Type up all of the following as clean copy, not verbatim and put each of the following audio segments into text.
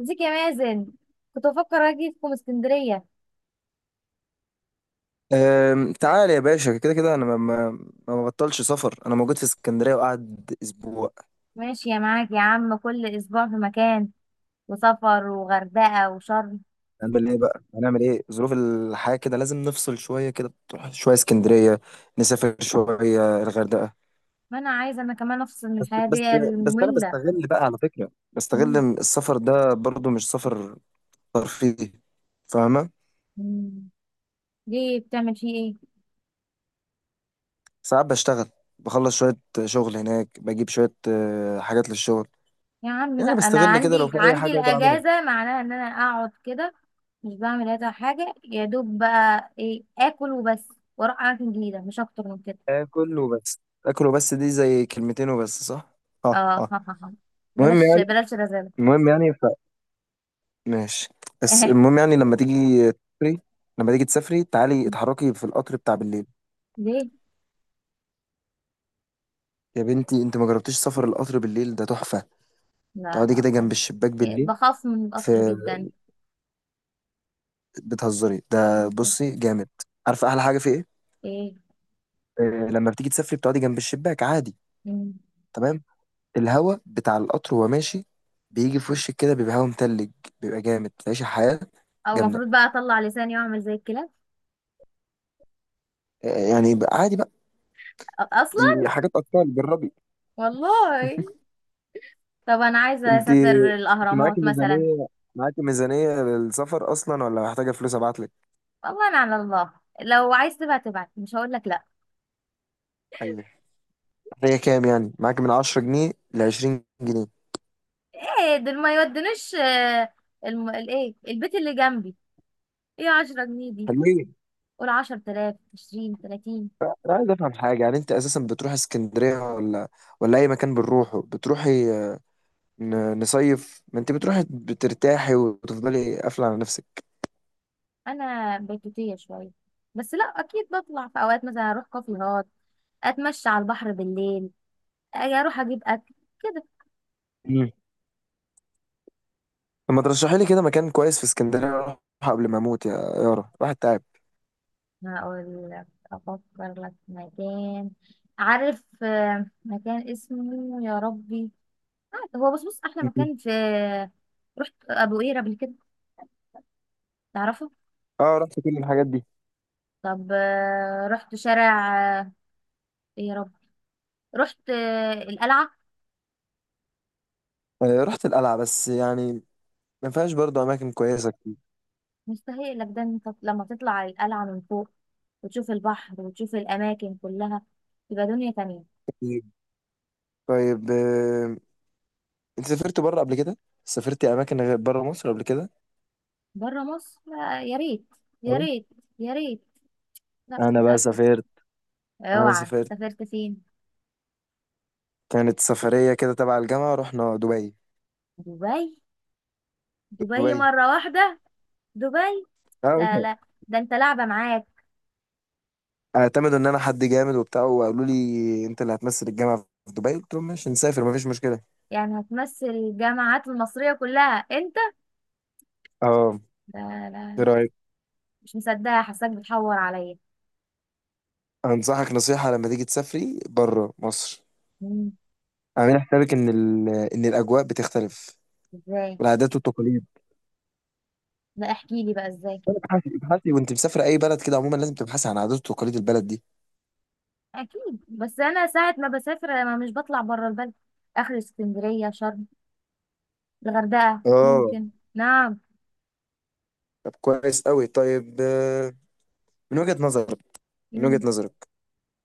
ازيك يا مازن؟ كنت بفكر اجيكم اسكندريه. تعال يا باشا، كده كده انا ما ببطلش سفر. انا موجود في اسكندريه وقعد اسبوع. ماشي يا معاك يا عم كل اسبوع في مكان وسفر وغردقه وشرم. هنعمل ايه بقى هنعمل ايه ظروف الحياه كده، لازم نفصل شويه، كده تروح شويه اسكندريه، نسافر شويه الغردقه. ما انا عايزه انا كمان افصل من بس الحياه بس دي بس انا الممله. بستغل بقى، على فكره، بستغل مم. إن السفر ده برضو مش سفر ترفيهي، فاهمه؟ مم. ليه بتعمل فيه ايه؟ ساعات بشتغل، بخلص شويه شغل هناك، بجيب شويه حاجات للشغل. يا عم لا يعني انا بستغل كده لو عندي في اي عندي حاجه اقدر اعملها. الاجازه معناها ان انا اقعد كده، مش بعمل هذا حاجه يا دوب بقى ايه اكل وبس واروح اماكن جديده مش اكتر من كده. اكل وبس. اكل وبس دي زي كلمتين وبس، صح؟ اه، اه اه. المهم بلاش يعني بلاش رزاله. المهم يعني، ماشي. بس المهم يعني لما تيجي تسافري، تعالي اتحركي في القطر بتاع بالليل. ليه؟ يا بنتي انت ما جربتيش سفر القطر بالليل؟ ده تحفة. لا تقعدي لا كده جنب خالص. الشباك إيه، بالليل. بخاف من القطر في جدا. بتهزري؟ ده بجد. بصي جامد. عارفة احلى حاجة في ايه؟ ايه؟ آه، لما بتيجي تسافري بتقعدي جنب الشباك عادي، مم. تمام. الهوا بتاع القطر وهو ماشي بيجي في وشك كده، بيبقى هوا متلج، بيبقى جامد، تعيشي حياة او جامدة. المفروض بقى اطلع لساني واعمل زي الكلاب. يعني بقى عادي بقى، اصلا دي حاجات اكتر جربي. والله. طب انا عايزه انت اسافر انت معاكي الاهرامات مثلا. ميزانيه معاكي ميزانيه للسفر اصلا ولا محتاجه فلوس ابعت لك؟ والله انا على الله، لو عايز تبعت تبعت مش هقول لك لا. ايوه، محتاجه كام يعني؟ معاكي من 10 جنيه ل 20 جنيه؟ ايه دول ما يودنوش؟ الايه البيت اللي جنبي. ايه 10 جنيه دي؟ حلوين. قول 10,000 20 30. انا عايز افهم حاجه، يعني انت اساسا بتروح اسكندريه ولا اي مكان بنروحه بتروحي؟ نصيف، ما انت بتروحي بترتاحي وتفضلي قافله على نفسك. انا بيتوتيه شويه، بس لا اكيد بطلع في اوقات مثلا اروح كافيهات، اتمشى على البحر بالليل، اجي اروح اجيب اكل كده. مم. طب ما ترشحي لي كده مكان كويس في اسكندريه اروح قبل ما اموت يا يارا، واحد تعب. هقول لك افكر لك في مكان. عارف مكان اسمه يا ربي. هو بص بص احلى مم. مكان في. رحت ابو قير قبل كده؟ تعرفه؟ اه، رحت كل الحاجات دي. طب رحت شارع إيه يا رب. رحت القلعه. رحت القلعة، بس يعني ما فيهاش برضه أماكن كويسة كتير. مستحيل لك ده، انت لما تطلع على القلعه من فوق وتشوف البحر وتشوف الاماكن كلها تبقى دنيا تانية. طيب، طيب، أنت سافرت بره قبل كده؟ سافرتي أماكن غير بره مصر قبل كده؟ بره مصر لا، يا ريت. يا أه. ريت يا ريت. لا أنا بقى للاسف. سافرت. أنا اوعى؟ سافرت. سافرت فين؟ كانت سفرية كده تبع الجامعة، رحنا دبي. دبي؟ دبي دبي. مرة واحدة. دبي. أنا مش... لا لا، ده انت لعبة معاك. اعتمدوا إن أنا حد جامد وبتاع وقالوا لي أنت اللي هتمثل الجامعة في دبي، قلت لهم ماشي نسافر مفيش مشكلة. يعني هتمثل الجامعات المصرية كلها انت؟ أه. لا إيه لا، رأيك؟ مش مصدقة، حاساك بتحور عليا. أنصحك نصيحة، لما تيجي تسافري بره مصر مم. اعملي حسابك إن إن الأجواء بتختلف، ازاي؟ والعادات والتقاليد. لا احكي لي بقى ازاي. ابحثي، ابحثي وانت مسافرة اي بلد كده عموما لازم تبحثي عن عادات وتقاليد البلد دي. اكيد، بس انا ساعة ما بسافر انا مش بطلع بره البلد، اخر اسكندرية، شرم، الغردقة اه. ممكن. نعم. طب كويس قوي. طيب، من وجهة نظرك من وجهة مم. نظرك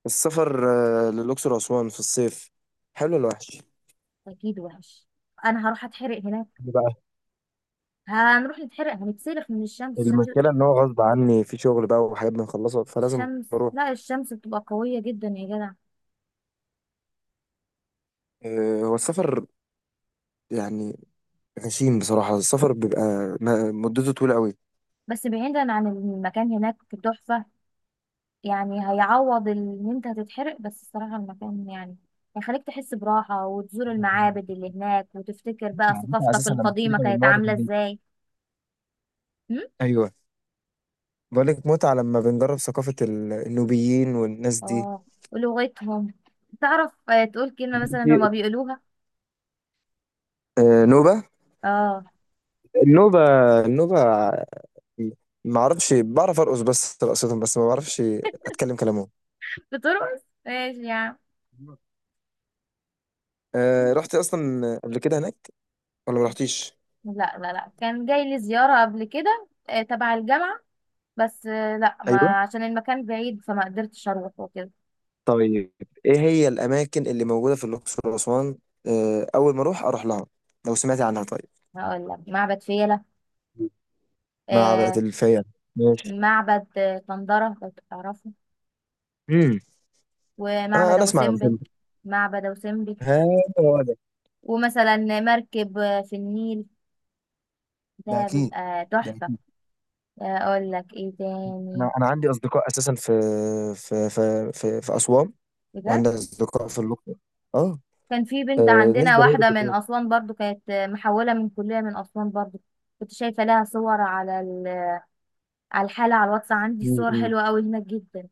السفر للأقصر وأسوان في الصيف، حلو ولا وحش؟ اكيد وحش، انا هروح اتحرق هناك. ليه بقى؟ هنروح نتحرق هنتسلخ من الشمس الشمس المشكلة ان هو غصب عني في شغل بقى وحاجات بنخلصها فلازم الشمس. اروح. لا الشمس بتبقى قوية جدا يا جدع. هو السفر يعني غشيم بصراحة، السفر بيبقى مدته طويلة قوي. بس بعيدا عن المكان هناك تحفة، يعني هيعوض ان انت هتتحرق، بس الصراحة المكان يعني هيخليك تحس براحة وتزور المعابد اللي هناك وتفتكر بقى معناتها ثقافتك اساسا لما القديمة بتركب كانت المعرض عاملة النيل. ازاي. هم؟ ايوه. بقولك متعة لما بنجرب ثقافة النوبيين والناس اه. ولغتهم. تعرف تقول كلمة مثلا دي. هما بيقولوها. نوبة. اه. النوبة. النوبة. ما اعرفش، بعرف ارقص بس رقصتهم، بس ما بعرفش اتكلم كلامهم. بترقص ماشي يا عم. رحت اصلا قبل كده هناك ولا ما رحتيش؟ لا لا لا، كان جاي لي زيارة قبل كده تبع الجامعة. بس لا، ايوه. ما عشان المكان بعيد فما قدرتش اروح وكده. طيب، ايه هي الاماكن اللي موجودة في الاقصر واسوان اول ما اروح اروح لها لو سمعتي عنها؟ طيب. هقول لك معبد فيلة. معبد آه. الفيلة. ماشي. معبد طندرة لو تعرفه. امم ومعبد انا ابو اسمع، انا سمبل. بحب. معبد ابو سمبل. ها، هو ده. ومثلا مركب في النيل ده ده اكيد. بيبقى ده تحفة. اكيد. اقول لك ايه تاني. انا عندي اصدقاء اساسا في, اسوان. بجد؟ وعندك أصدقاء في اللقاء. آه. كان في بنت ناس عندنا زمايلي في واحدة من الدور. أسوان برضو، كانت محولة من كلية من أسوان برضو. كنت شايفة لها صور على على الحالة، على الواتس عندي م- صور م. حلوة أوي هناك جدا.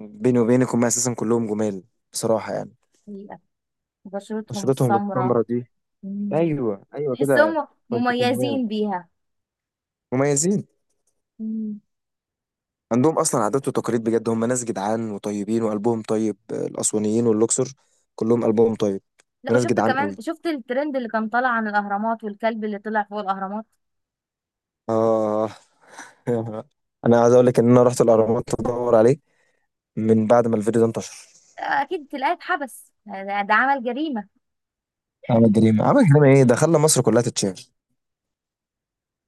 بيني وبينك هم أساسا كلهم جمال، بصراحة يعني. حقيقة. بشرتهم بشرتهم السمراء. السمرة دي، مم. أيوه، أيوه كده. تحسهم وأنت فاهمان. مميزين بيها. مميزين. مم. عندهم أصلا عادات وتقاليد بجد، هم ناس جدعان وطيبين وقلبهم طيب. الأسوانيين واللوكسور كلهم قلبهم طيب لا، وناس وشفت جدعان كمان قوي. شفت الترند اللي كان طالع عن الاهرامات والكلب اللي طلع فوق الاهرامات. آه أنا عايز أقول لك إن أنا رحت الأهرامات أدور عليه من بعد ما الفيديو ده انتشر. اكيد تلاقيه اتحبس، ده عمل جريمه. عمل جريمة، عمل جريمة، إيه ده، خلى مصر كلها تتشهر.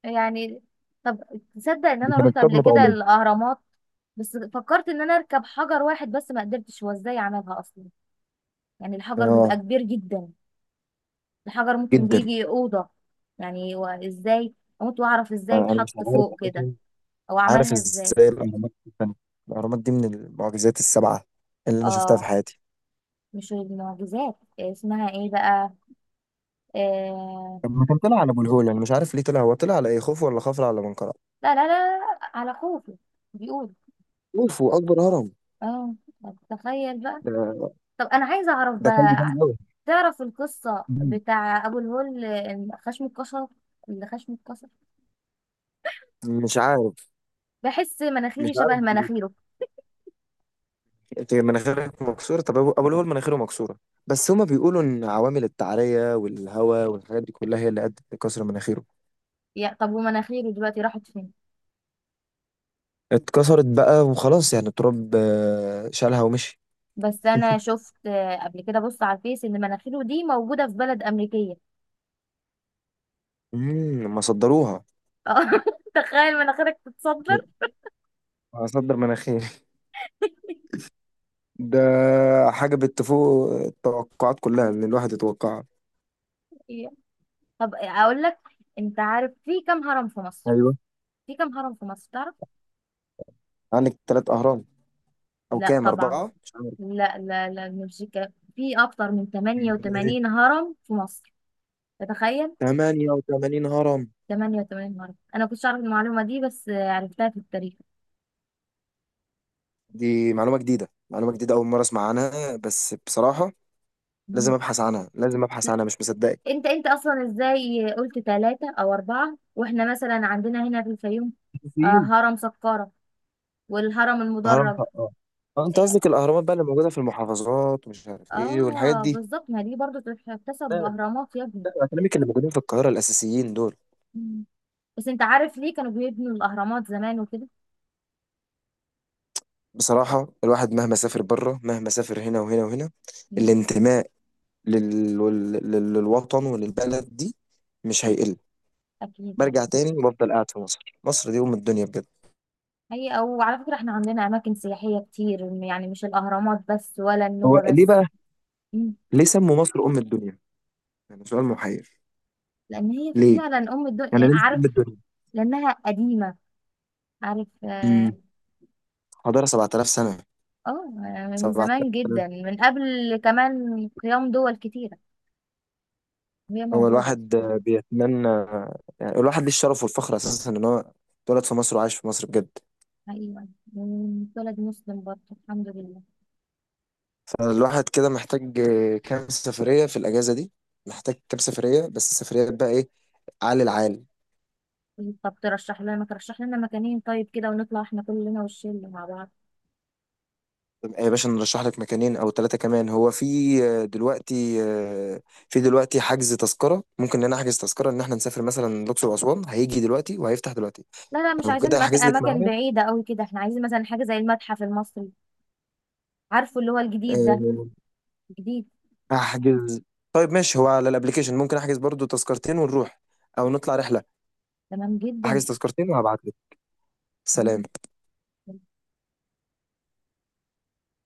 يعني. طب تصدق ان دي انا رحت كانت قبل صدمة كده عمري. الاهرامات؟ بس فكرت ان انا اركب حجر واحد بس ما قدرتش، هو ازاي عملها اصلا؟ يعني الحجر بيبقى اه، كبير جدا، الحجر ممكن جدا. بيجي اوضه. يعني هو ازاي؟ اموت واعرف ازاي انا مش اتحط عارف فوق كده أساساً، او عارف عملها ازاي. ازاي الاهرامات دي اتبنت؟ الاهرامات دي من المعجزات السبعه اللي انا شفتها في اه. حياتي. مش المعجزات اسمها ايه بقى؟ آه... لما كان طلع على ابو الهول، انا مش عارف ليه طلع، هو طلع على ايه، خوفو ولا خفرع ولا منقرع؟ لا لا لا، على خوفي بيقول. خوفو اكبر هرم. اه. تخيل بقى. ده طب انا عايزه اعرف ده كان بقى. جامد قوي. تعرف القصه مم. بتاع ابو الهول خشم اتكسر؟ اللي خشم اتكسر، مش عارف بحس مش مناخيري شبه عارف بجد. مناخيره. انت مناخيرك مكسوره؟ طب ابو أبو الهول مناخيره مكسوره، بس هما بيقولوا ان عوامل التعريه والهواء والحاجات دي كلها هي اللي ادت لكسر مناخيره. يا طب، ومناخيره دلوقتي راحت فين؟ اتكسرت بقى وخلاص يعني، التراب شالها ومشي. بس انا شفت قبل كده بص على الفيس ان مناخيره دي موجوده في بلد امريكيه. ما صدروها. اه تخيل مناخيرك تتصدر. هصدر مناخيري. ده حاجة بتفوق التوقعات كلها اللي الواحد يتوقعها. طب اقول لك، انت عارف في كام هرم في مصر؟ ايوه. في كم هرم في مصر تعرف؟ عندك ثلاث أهرام أو لا كام، طبعا. أربعة، مش لا لا لا مش كده. في أكتر من عارف. 88 هرم في مصر. تتخيل؟ 88 هرم! 88 هرم. أنا كنتش أعرف المعلومة دي بس عرفتها في التاريخ. دي معلومة جديدة، أول مرة أسمع عنها. بس بصراحة لازم مم. أبحث عنها لازم أبحث لا، عنها مش مصدقك. أنت أصلا إزاي قلت ثلاثة أو أربعة وإحنا مثلا عندنا هنا في الفيوم فين؟ هرم سقارة والهرم هرم المدرج. طقطقة. اه، انت آه قصدك الاهرامات بقى اللي موجوده في المحافظات ومش عارف ايه والحاجات دي. بالظبط، ما دي برضو تحتسب لا، بأهرامات يا ابني. لا، انا كلامي كانوا موجودين في القاهره الاساسيين دول. مم. بس أنت عارف ليه كانوا بيبنوا الأهرامات زمان وكده؟ بصراحة الواحد مهما سافر بره، مهما سافر هنا وهنا وهنا، مم. الانتماء للوطن وللبلد دي مش هيقل. أكيد برجع يعني. تاني وبفضل قاعد في مصر، مصر دي أم الدنيا بجد. هي او على فكرة احنا عندنا اماكن سياحية كتير يعني مش الاهرامات بس ولا هو النوبة ليه بس. بقى؟ مم. ليه سموا مصر أم الدنيا؟ يعني سؤال محير. لان هي ليه فعلا ام يعني الدنيا، ليه عارف. أم الدنيا؟ لانها قديمة، عارف. اه. امم حضارة 7000 سنة، من 7000 زمان سنة. جدا من قبل كمان قيام دول كتيرة وهي هو موجودة. الواحد بيتمنى، يعني الواحد ليه الشرف والفخر أساسا إن هو اتولد في مصر وعايش في مصر بجد. ايوه. ولد مسلم برضه الحمد لله. فالواحد كده محتاج كام سفرية في الأجازة دي، محتاج كام سفرية، بس السفريات بقى إيه؟ عال العال. طب ترشح لنا ترشح لنا مكانين طيب كده ونطلع احنا كلنا والشله مع بعض. يا باشا نرشح لك مكانين أو ثلاثة كمان. هو في دلوقتي في دلوقتي حجز تذكرة، ممكن إن أنا أحجز تذكرة إن إحنا نسافر مثلا الأقصر وأسوان، هيجي دلوقتي وهيفتح دلوقتي. لا لا مش لو كده عايزين هحجز لك اماكن معايا. بعيده قوي كده، احنا عايزين مثلا حاجه زي المتحف المصري. عارفه اللي هو الجديد ده. آه، جديد. هحجز. طيب ماشي، هو على الأبليكيشن ممكن أحجز برضو تذكرتين ونروح أو نطلع رحلة. تمام جدا. أحجز تذكرتين وهبعت لك. سلام. مم.